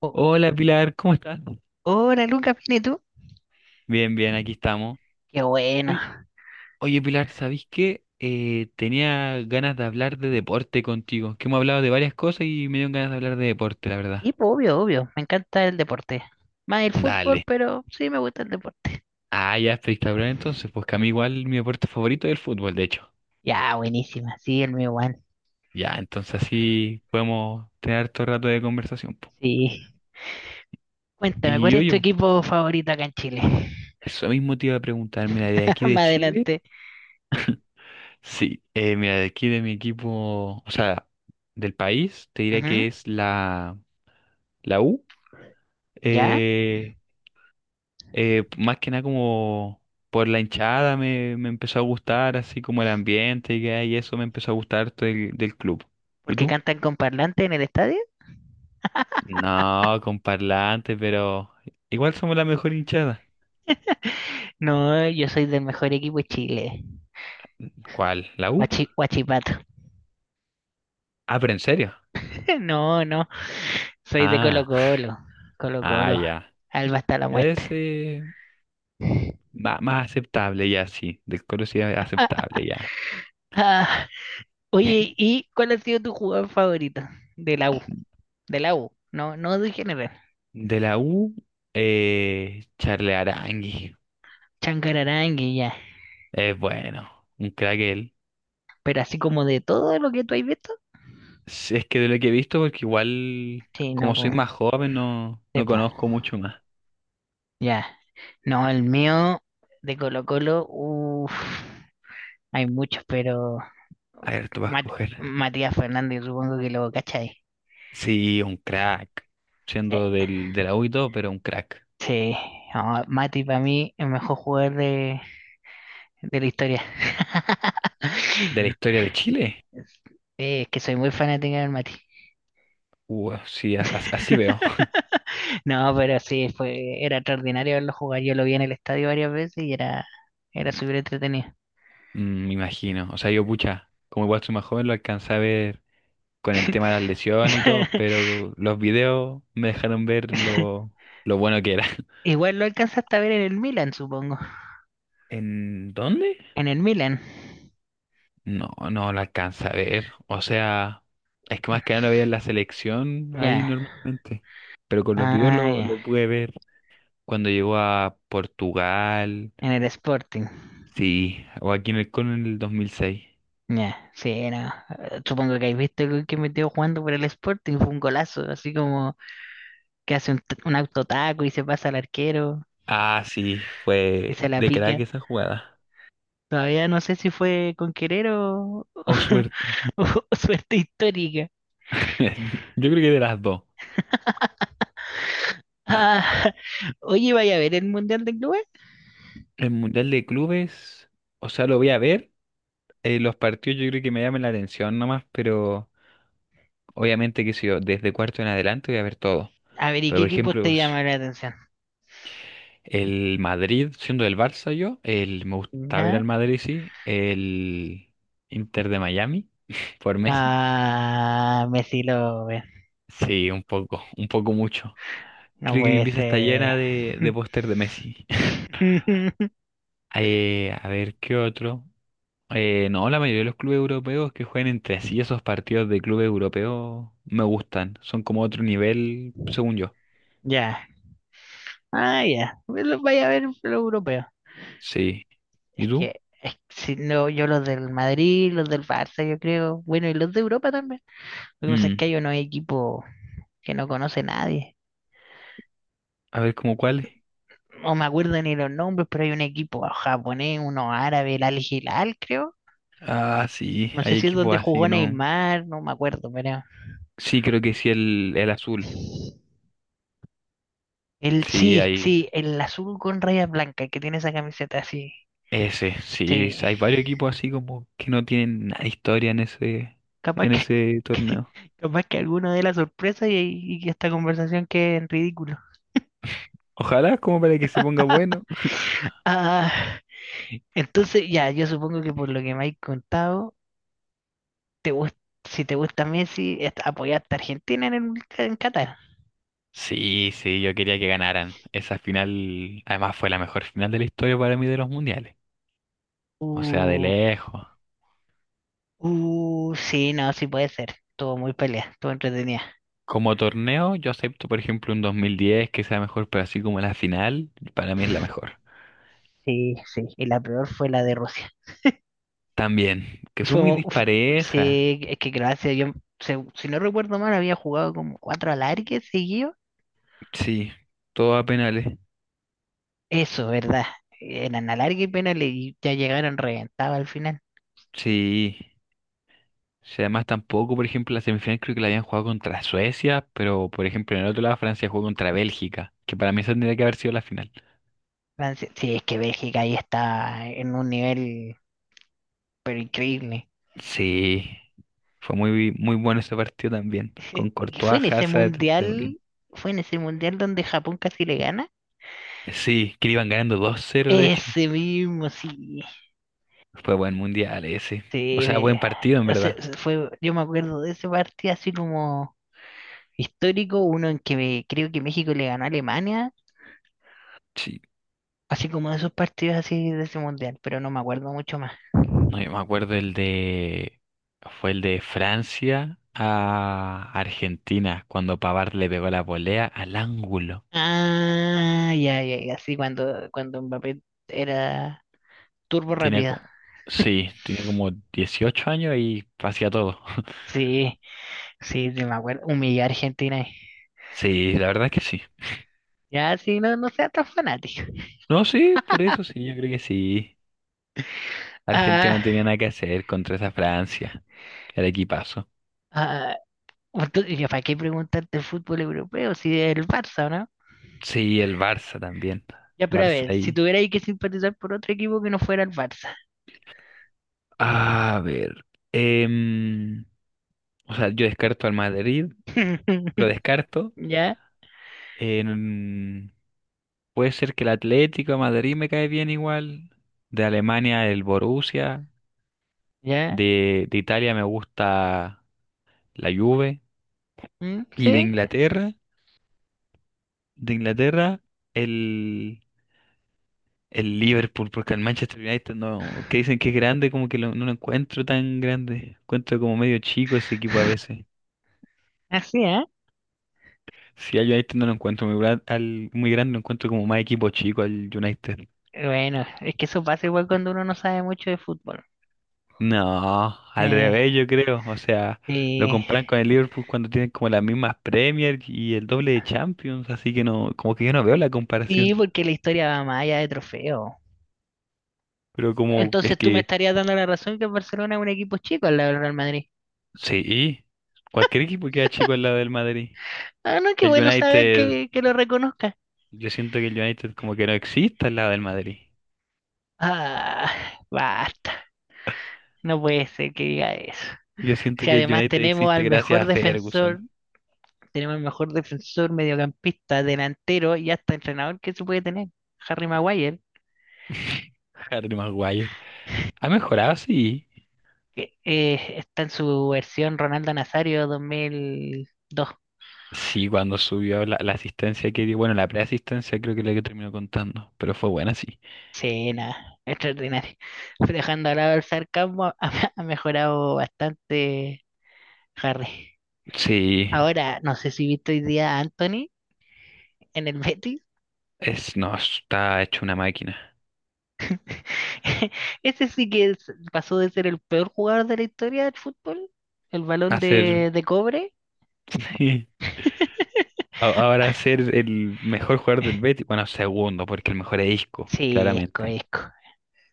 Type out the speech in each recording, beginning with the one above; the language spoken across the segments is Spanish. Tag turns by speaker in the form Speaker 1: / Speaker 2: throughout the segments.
Speaker 1: Oh,
Speaker 2: Hola Pilar, ¿cómo estás?
Speaker 1: hola Lucas, ¿bien y tú?
Speaker 2: Bien, bien, aquí estamos.
Speaker 1: Qué bueno.
Speaker 2: Oy- Oye, Pilar, ¿sabís qué? Tenía ganas de hablar de deporte contigo, que hemos hablado de varias cosas y me dio ganas de hablar de deporte, la verdad.
Speaker 1: Sí, pues, obvio, obvio. Me encanta el deporte. Más el fútbol,
Speaker 2: Dale.
Speaker 1: pero sí me gusta el deporte.
Speaker 2: Ah, ya, espectacular entonces, pues que a mí igual mi deporte favorito es el fútbol, de hecho.
Speaker 1: Ya, buenísima. Sí, el mío, Juan.
Speaker 2: Ya, entonces así podemos tener todo rato de conversación, po.
Speaker 1: Sí. Cuéntame, ¿cuál
Speaker 2: Y
Speaker 1: es tu
Speaker 2: oye,
Speaker 1: equipo favorito acá en Chile?
Speaker 2: eso mismo te iba a preguntar, mira, de aquí de
Speaker 1: Más
Speaker 2: Chile,
Speaker 1: adelante.
Speaker 2: sí, mira, de aquí de mi equipo, o sea, del país, te diré
Speaker 1: Ujú,
Speaker 2: que es la U.
Speaker 1: ¿ya?
Speaker 2: eh, Más que nada como por la hinchada me empezó a gustar, así como el ambiente y, que hay, y eso me empezó a gustar harto del club. ¿Y
Speaker 1: ¿Porque
Speaker 2: tú?
Speaker 1: cantan con parlante en el estadio?
Speaker 2: No, con parlante, pero igual somos la mejor hinchada.
Speaker 1: No, yo soy del mejor equipo de Chile.
Speaker 2: ¿Cuál? ¿La U?
Speaker 1: Guachipato.
Speaker 2: Ah, pero en serio.
Speaker 1: No, no. Soy de Colo
Speaker 2: Ah,
Speaker 1: Colo. Colo Colo.
Speaker 2: ya.
Speaker 1: Alba hasta la
Speaker 2: Ya es
Speaker 1: muerte.
Speaker 2: más aceptable, ya, sí. Del coro sí es aceptable, ya.
Speaker 1: Ah, Oye, ¿y cuál ha sido tu jugador favorito de la U? De la U, no, no de general.
Speaker 2: De la U, Charle Arangui.
Speaker 1: Chancararangue, ya.
Speaker 2: Es bueno, un crack él.
Speaker 1: Pero así como de todo lo que tú has visto.
Speaker 2: Sí, es que de lo que he visto, porque igual,
Speaker 1: Sí, no,
Speaker 2: como
Speaker 1: po.
Speaker 2: soy más joven, no,
Speaker 1: Sí,
Speaker 2: no
Speaker 1: po.
Speaker 2: conozco mucho más.
Speaker 1: Ya. No, el mío de Colo Colo, uff, hay muchos, pero
Speaker 2: A ver, tú vas a
Speaker 1: Mat-
Speaker 2: escoger.
Speaker 1: Matías Fernández, supongo que lo cachai.
Speaker 2: Sí, un crack.
Speaker 1: Sí,
Speaker 2: Siendo del, de la U y todo, pero un crack.
Speaker 1: sí. No, Mati para mí el mejor jugador de la historia.
Speaker 2: ¿De la historia de Chile?
Speaker 1: Sí, es que soy muy fanática del Mati.
Speaker 2: Sí, así veo.
Speaker 1: No, pero sí, fue, era extraordinario verlo jugar. Yo lo vi en el estadio varias veces y era, era súper entretenido.
Speaker 2: Mm, me imagino. O sea, yo, pucha, como igual soy más joven, lo alcancé a ver con el tema de las lesiones y todo, pero los videos me dejaron ver lo bueno que era.
Speaker 1: Igual lo alcanzaste a ver en el Milan, supongo.
Speaker 2: ¿En dónde?
Speaker 1: En el Milan.
Speaker 2: No, no la alcanza a ver. O sea, es que más que nada lo veía en la selección ahí
Speaker 1: Ya.
Speaker 2: normalmente. Pero con los videos
Speaker 1: Ah,
Speaker 2: lo,
Speaker 1: ya.
Speaker 2: lo pude ver cuando llegó a Portugal.
Speaker 1: En el Sporting.
Speaker 2: Sí, o aquí en el 2006.
Speaker 1: Ya, sí, no. Supongo que habéis visto el gol que metió jugando por el Sporting. Fue un golazo, así como que hace un, un autotaco y se pasa al arquero
Speaker 2: Ah, sí,
Speaker 1: y se
Speaker 2: fue
Speaker 1: la
Speaker 2: de crack
Speaker 1: pica.
Speaker 2: esa jugada.
Speaker 1: Todavía no sé si fue con querer o,
Speaker 2: O suerte.
Speaker 1: Suerte histórica.
Speaker 2: Yo creo que de las dos.
Speaker 1: Ah, oye, vaya a ver el Mundial de Clubes.
Speaker 2: El Mundial de Clubes, o sea, lo voy a ver. Los partidos yo creo que me llaman la atención nomás, pero obviamente que si yo desde cuarto en adelante voy a ver todo.
Speaker 1: A ver, ¿y
Speaker 2: Pero
Speaker 1: qué
Speaker 2: por
Speaker 1: equipos
Speaker 2: ejemplo,
Speaker 1: te
Speaker 2: s-
Speaker 1: llama la atención?
Speaker 2: El Madrid, siendo del Barça yo, me gusta ver
Speaker 1: ¿No?
Speaker 2: al Madrid, sí. El Inter de Miami, por Messi.
Speaker 1: Ah, Messi lo ve.
Speaker 2: Sí, un poco mucho.
Speaker 1: No
Speaker 2: Creo que mi
Speaker 1: puede
Speaker 2: pieza está
Speaker 1: ser.
Speaker 2: llena de póster de Messi. A ver, ¿qué otro? No, la mayoría de los clubes europeos que juegan entre sí, esos partidos de clubes europeos me gustan. Son como otro nivel, según yo.
Speaker 1: Ya. Ah, ya. Bueno, vaya a ver lo europeo.
Speaker 2: Sí. ¿Y tú?
Speaker 1: Es que si no, yo los del Madrid, los del Barça, yo creo. Bueno, y los de Europa también. Lo que pasa es
Speaker 2: Mm,
Speaker 1: que hay unos equipos que no conoce nadie.
Speaker 2: a ver, ¿cómo cuáles?
Speaker 1: No me acuerdo ni los nombres, pero hay un equipo japonés, uno árabe, el Al Hilal, creo.
Speaker 2: Ah, sí,
Speaker 1: No sé
Speaker 2: hay
Speaker 1: si es
Speaker 2: equipos
Speaker 1: donde
Speaker 2: así
Speaker 1: jugó
Speaker 2: que no.
Speaker 1: Neymar, no me acuerdo, pero.
Speaker 2: Sí, creo que sí, el azul.
Speaker 1: El
Speaker 2: Sí,
Speaker 1: sí,
Speaker 2: hay
Speaker 1: sí, el azul con rayas blancas el que tiene esa camiseta así.
Speaker 2: ese. Sí,
Speaker 1: Sí.
Speaker 2: hay varios equipos así como que no tienen nada de historia en ese,
Speaker 1: Capaz
Speaker 2: en
Speaker 1: que,
Speaker 2: ese torneo.
Speaker 1: capaz que alguno dé la sorpresa y esta conversación quede en ridículo.
Speaker 2: Ojalá como para que se ponga bueno.
Speaker 1: Ah, entonces, ya, yo supongo que por lo que me habéis contado, te gust- si te gusta Messi, apoyaste a Argentina en, el, en Qatar.
Speaker 2: Sí, sí, yo quería que ganaran. Esa final, además, fue la mejor final de la historia para mí de los mundiales. O sea, de
Speaker 1: Uh,
Speaker 2: lejos.
Speaker 1: Uh, sí, no, sí puede ser. Estuvo muy pelea, estuvo entretenida.
Speaker 2: Como torneo, yo acepto, por ejemplo, un 2010 que sea mejor, pero así como la final, para mí es la mejor.
Speaker 1: Sí, sí. Y la peor fue la de Rusia.
Speaker 2: También, que fue
Speaker 1: Fue
Speaker 2: muy
Speaker 1: fu-
Speaker 2: dispareja.
Speaker 1: sí, es que Croacia, yo, si no recuerdo mal, había jugado como cuatro alargues seguidos.
Speaker 2: Sí, todo a penales.
Speaker 1: Eso, ¿verdad? Eran alargue y penales y ya llegaron reventados al final.
Speaker 2: Sí. Si además tampoco, por ejemplo, la semifinal creo que la habían jugado contra Suecia, pero por ejemplo en el otro lado Francia jugó contra Bélgica, que para mí esa tendría que haber sido la final.
Speaker 1: Francia, sí, sí, es que Bélgica ahí está en un nivel pero increíble.
Speaker 2: Sí, fue muy, muy bueno ese partido también, con
Speaker 1: Y fue
Speaker 2: Courtois,
Speaker 1: en ese
Speaker 2: Hazard, De Bruyne.
Speaker 1: mundial, fue en ese mundial donde Japón casi le gana.
Speaker 2: Sí, que le iban ganando 2-0 de hecho.
Speaker 1: Ese mismo, sí.
Speaker 2: Fue buen mundial ese. O
Speaker 1: Sí,
Speaker 2: sea, buen partido, en verdad.
Speaker 1: fue, yo me acuerdo de ese partido así como histórico, uno en que creo que México le ganó a Alemania,
Speaker 2: Sí,
Speaker 1: así como de esos partidos así de ese mundial, pero no me acuerdo mucho más.
Speaker 2: no, yo me acuerdo el de... Fue el de Francia a Argentina, cuando Pavard le pegó la volea al ángulo.
Speaker 1: Ah, ya, ya, ya, sí, cuando Mbappé era turbo
Speaker 2: Tenía
Speaker 1: rápido.
Speaker 2: como, sí, tenía como 18 años y hacía todo.
Speaker 1: Sí, sí, sí, me acuerdo, humillar a Argentina ahí.
Speaker 2: Sí, la verdad es que sí.
Speaker 1: Ya, sí, no, no seas tan fanático.
Speaker 2: No, sí, por eso, sí, yo creo que sí. Argentina
Speaker 1: Ah,
Speaker 2: no tenía nada que hacer contra esa Francia. El equipazo.
Speaker 1: ah, entonces, ya, ¿para qué preguntarte el fútbol europeo si es el Barça?
Speaker 2: Sí, el Barça también.
Speaker 1: Ya, pero a
Speaker 2: Barça
Speaker 1: ver, si
Speaker 2: ahí.
Speaker 1: tuvierais que simpatizar por otro equipo que no fuera el Barça.
Speaker 2: A ver. em, o sea, yo descarto al Madrid. Lo descarto.
Speaker 1: ¿Ya?
Speaker 2: En- puede ser que el Atlético de Madrid me cae bien igual. De Alemania, el Borussia.
Speaker 1: ¿Ya?
Speaker 2: De Italia me gusta la Juve,
Speaker 1: ¿Mm?
Speaker 2: y de
Speaker 1: Sí,
Speaker 2: Inglaterra, de Inglaterra el, el Liverpool, porque el Manchester United no, que dicen que es grande, como que lo- no lo encuentro tan grande, encuentro como medio chico ese equipo a veces.
Speaker 1: así, ¿eh?
Speaker 2: Si al United no lo encuentro muy, muy grande, lo encuentro como más equipo chico, al United.
Speaker 1: Bueno, es que eso pasa igual cuando uno no sabe mucho de fútbol.
Speaker 2: No, al
Speaker 1: Eh,
Speaker 2: revés, yo creo, o sea, lo
Speaker 1: sí,
Speaker 2: comparan con el Liverpool cuando tienen como las mismas Premier y el doble de Champions, así que no, como que yo no veo la
Speaker 1: sí,
Speaker 2: comparación.
Speaker 1: porque la historia va más allá de trofeo.
Speaker 2: Pero como es
Speaker 1: Entonces tú me
Speaker 2: que...
Speaker 1: estarías dando la razón que el Barcelona es un equipo chico al lado del Real Madrid.
Speaker 2: Sí, cualquier equipo queda chico al lado del Madrid.
Speaker 1: Ah, no, qué
Speaker 2: El
Speaker 1: bueno saber
Speaker 2: United,
Speaker 1: que lo reconozca.
Speaker 2: yo siento que el United como que no existe al lado del Madrid.
Speaker 1: Ah, basta. No puede ser que diga eso.
Speaker 2: Yo siento
Speaker 1: Si
Speaker 2: que el
Speaker 1: además
Speaker 2: United
Speaker 1: tenemos
Speaker 2: existe
Speaker 1: al
Speaker 2: gracias
Speaker 1: mejor
Speaker 2: a
Speaker 1: defensor.
Speaker 2: Ferguson.
Speaker 1: Tenemos el mejor defensor, mediocampista, delantero y hasta entrenador que se puede tener. Harry Maguire,
Speaker 2: Harry Maguire. Ha mejorado, sí.
Speaker 1: que está en su versión Ronaldo Nazario 2002.
Speaker 2: Sí, cuando subió la asistencia que dio, bueno, la preasistencia creo que es la que terminó contando, pero fue buena, sí.
Speaker 1: Sí, nada, extraordinario. Dejando al lado el sarcasmo, ha, ha mejorado bastante Harry.
Speaker 2: Sí,
Speaker 1: Ahora, no sé si viste hoy día a Anthony en el Betis.
Speaker 2: no, está hecho una máquina.
Speaker 1: Ese sí que pasó de ser el peor jugador de la historia del fútbol, el balón
Speaker 2: Hacer,
Speaker 1: de cobre.
Speaker 2: ahora ser el mejor jugador del Betis, bueno, segundo, porque el mejor es Isco,
Speaker 1: Sí, Esco,
Speaker 2: claramente.
Speaker 1: Esco.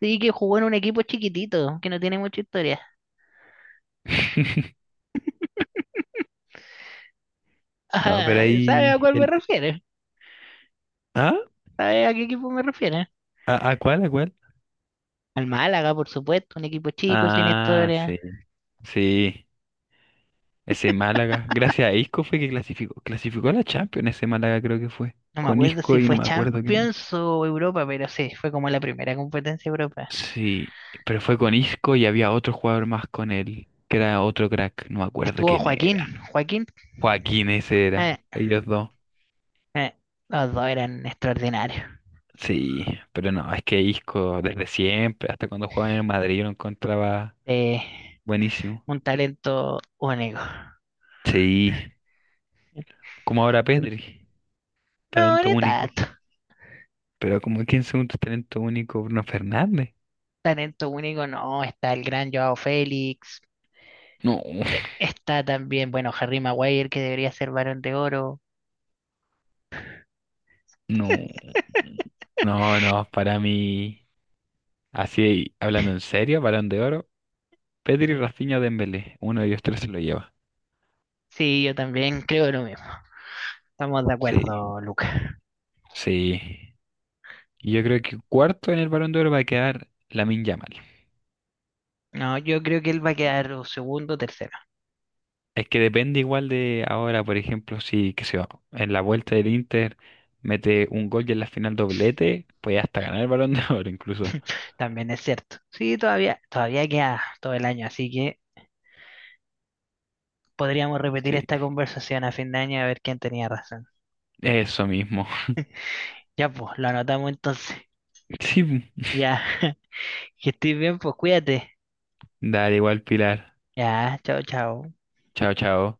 Speaker 1: Sí, que jugó en un equipo chiquitito, que no tiene mucha historia.
Speaker 2: No, pero
Speaker 1: Ajá, ¿sabes a
Speaker 2: ahí
Speaker 1: cuál me
Speaker 2: el...
Speaker 1: refiero?
Speaker 2: ¿Ah?
Speaker 1: ¿Sabes a qué equipo me refiero?
Speaker 2: ¿A cuál? ¿A cuál?
Speaker 1: Al Málaga, por supuesto, un equipo chico, sin
Speaker 2: Ah,
Speaker 1: historia.
Speaker 2: sí. Sí. Ese Málaga. Gracias a Isco fue que clasificó. Clasificó a la Champions ese Málaga, creo que fue.
Speaker 1: No me
Speaker 2: Con
Speaker 1: acuerdo
Speaker 2: Isco
Speaker 1: si
Speaker 2: y no
Speaker 1: fue
Speaker 2: me acuerdo quién más.
Speaker 1: Champions o Europa, pero sí, fue como la primera competencia de Europa.
Speaker 2: Sí, pero fue con Isco y había otro jugador más con él, que era otro crack, no me acuerdo
Speaker 1: Estuvo
Speaker 2: quién
Speaker 1: Joaquín,
Speaker 2: era.
Speaker 1: Joaquín.
Speaker 2: Joaquín, ese
Speaker 1: eh,
Speaker 2: era, ellos dos.
Speaker 1: eh, los dos eran extraordinarios.
Speaker 2: Sí, pero no, es que Isco desde siempre, hasta cuando jugaba en el Madrid, yo lo encontraba
Speaker 1: Eh,
Speaker 2: buenísimo.
Speaker 1: un talento único.
Speaker 2: Sí, como ahora Pedri.
Speaker 1: No,
Speaker 2: Talento
Speaker 1: ni
Speaker 2: único.
Speaker 1: tanto.
Speaker 2: Pero como 15 segundos talento único Bruno Fernández.
Speaker 1: Talento único no, está el gran Joao Félix,
Speaker 2: No,
Speaker 1: Está también, bueno, Harry Maguire, que debería ser Varón de Oro.
Speaker 2: no. No, no, para mí, así hablando en serio, Balón de Oro, Pedri, Rafinha, Dembélé, uno de ellos tres se lo lleva.
Speaker 1: Sí, yo también creo lo mismo. Estamos de
Speaker 2: Sí,
Speaker 1: acuerdo, Luca.
Speaker 2: sí. Yo creo que cuarto en el Balón de Oro va a quedar Lamine Yamal.
Speaker 1: No, yo creo que él va a quedar o segundo o tercero.
Speaker 2: Es que depende igual de ahora, por ejemplo, si que se va en la vuelta del Inter mete un gol, y en la final, doblete, puede hasta ganar el Balón de Oro incluso.
Speaker 1: También es cierto. Sí, todavía queda todo el año, así que podríamos repetir
Speaker 2: Sí,
Speaker 1: esta conversación a fin de año a ver quién tenía razón.
Speaker 2: eso mismo.
Speaker 1: Ya, pues, lo anotamos entonces.
Speaker 2: Sí,
Speaker 1: Ya, que estés bien, pues cuídate.
Speaker 2: dale, igual, Pilar.
Speaker 1: Ya, chao, chao.
Speaker 2: Chao, chao.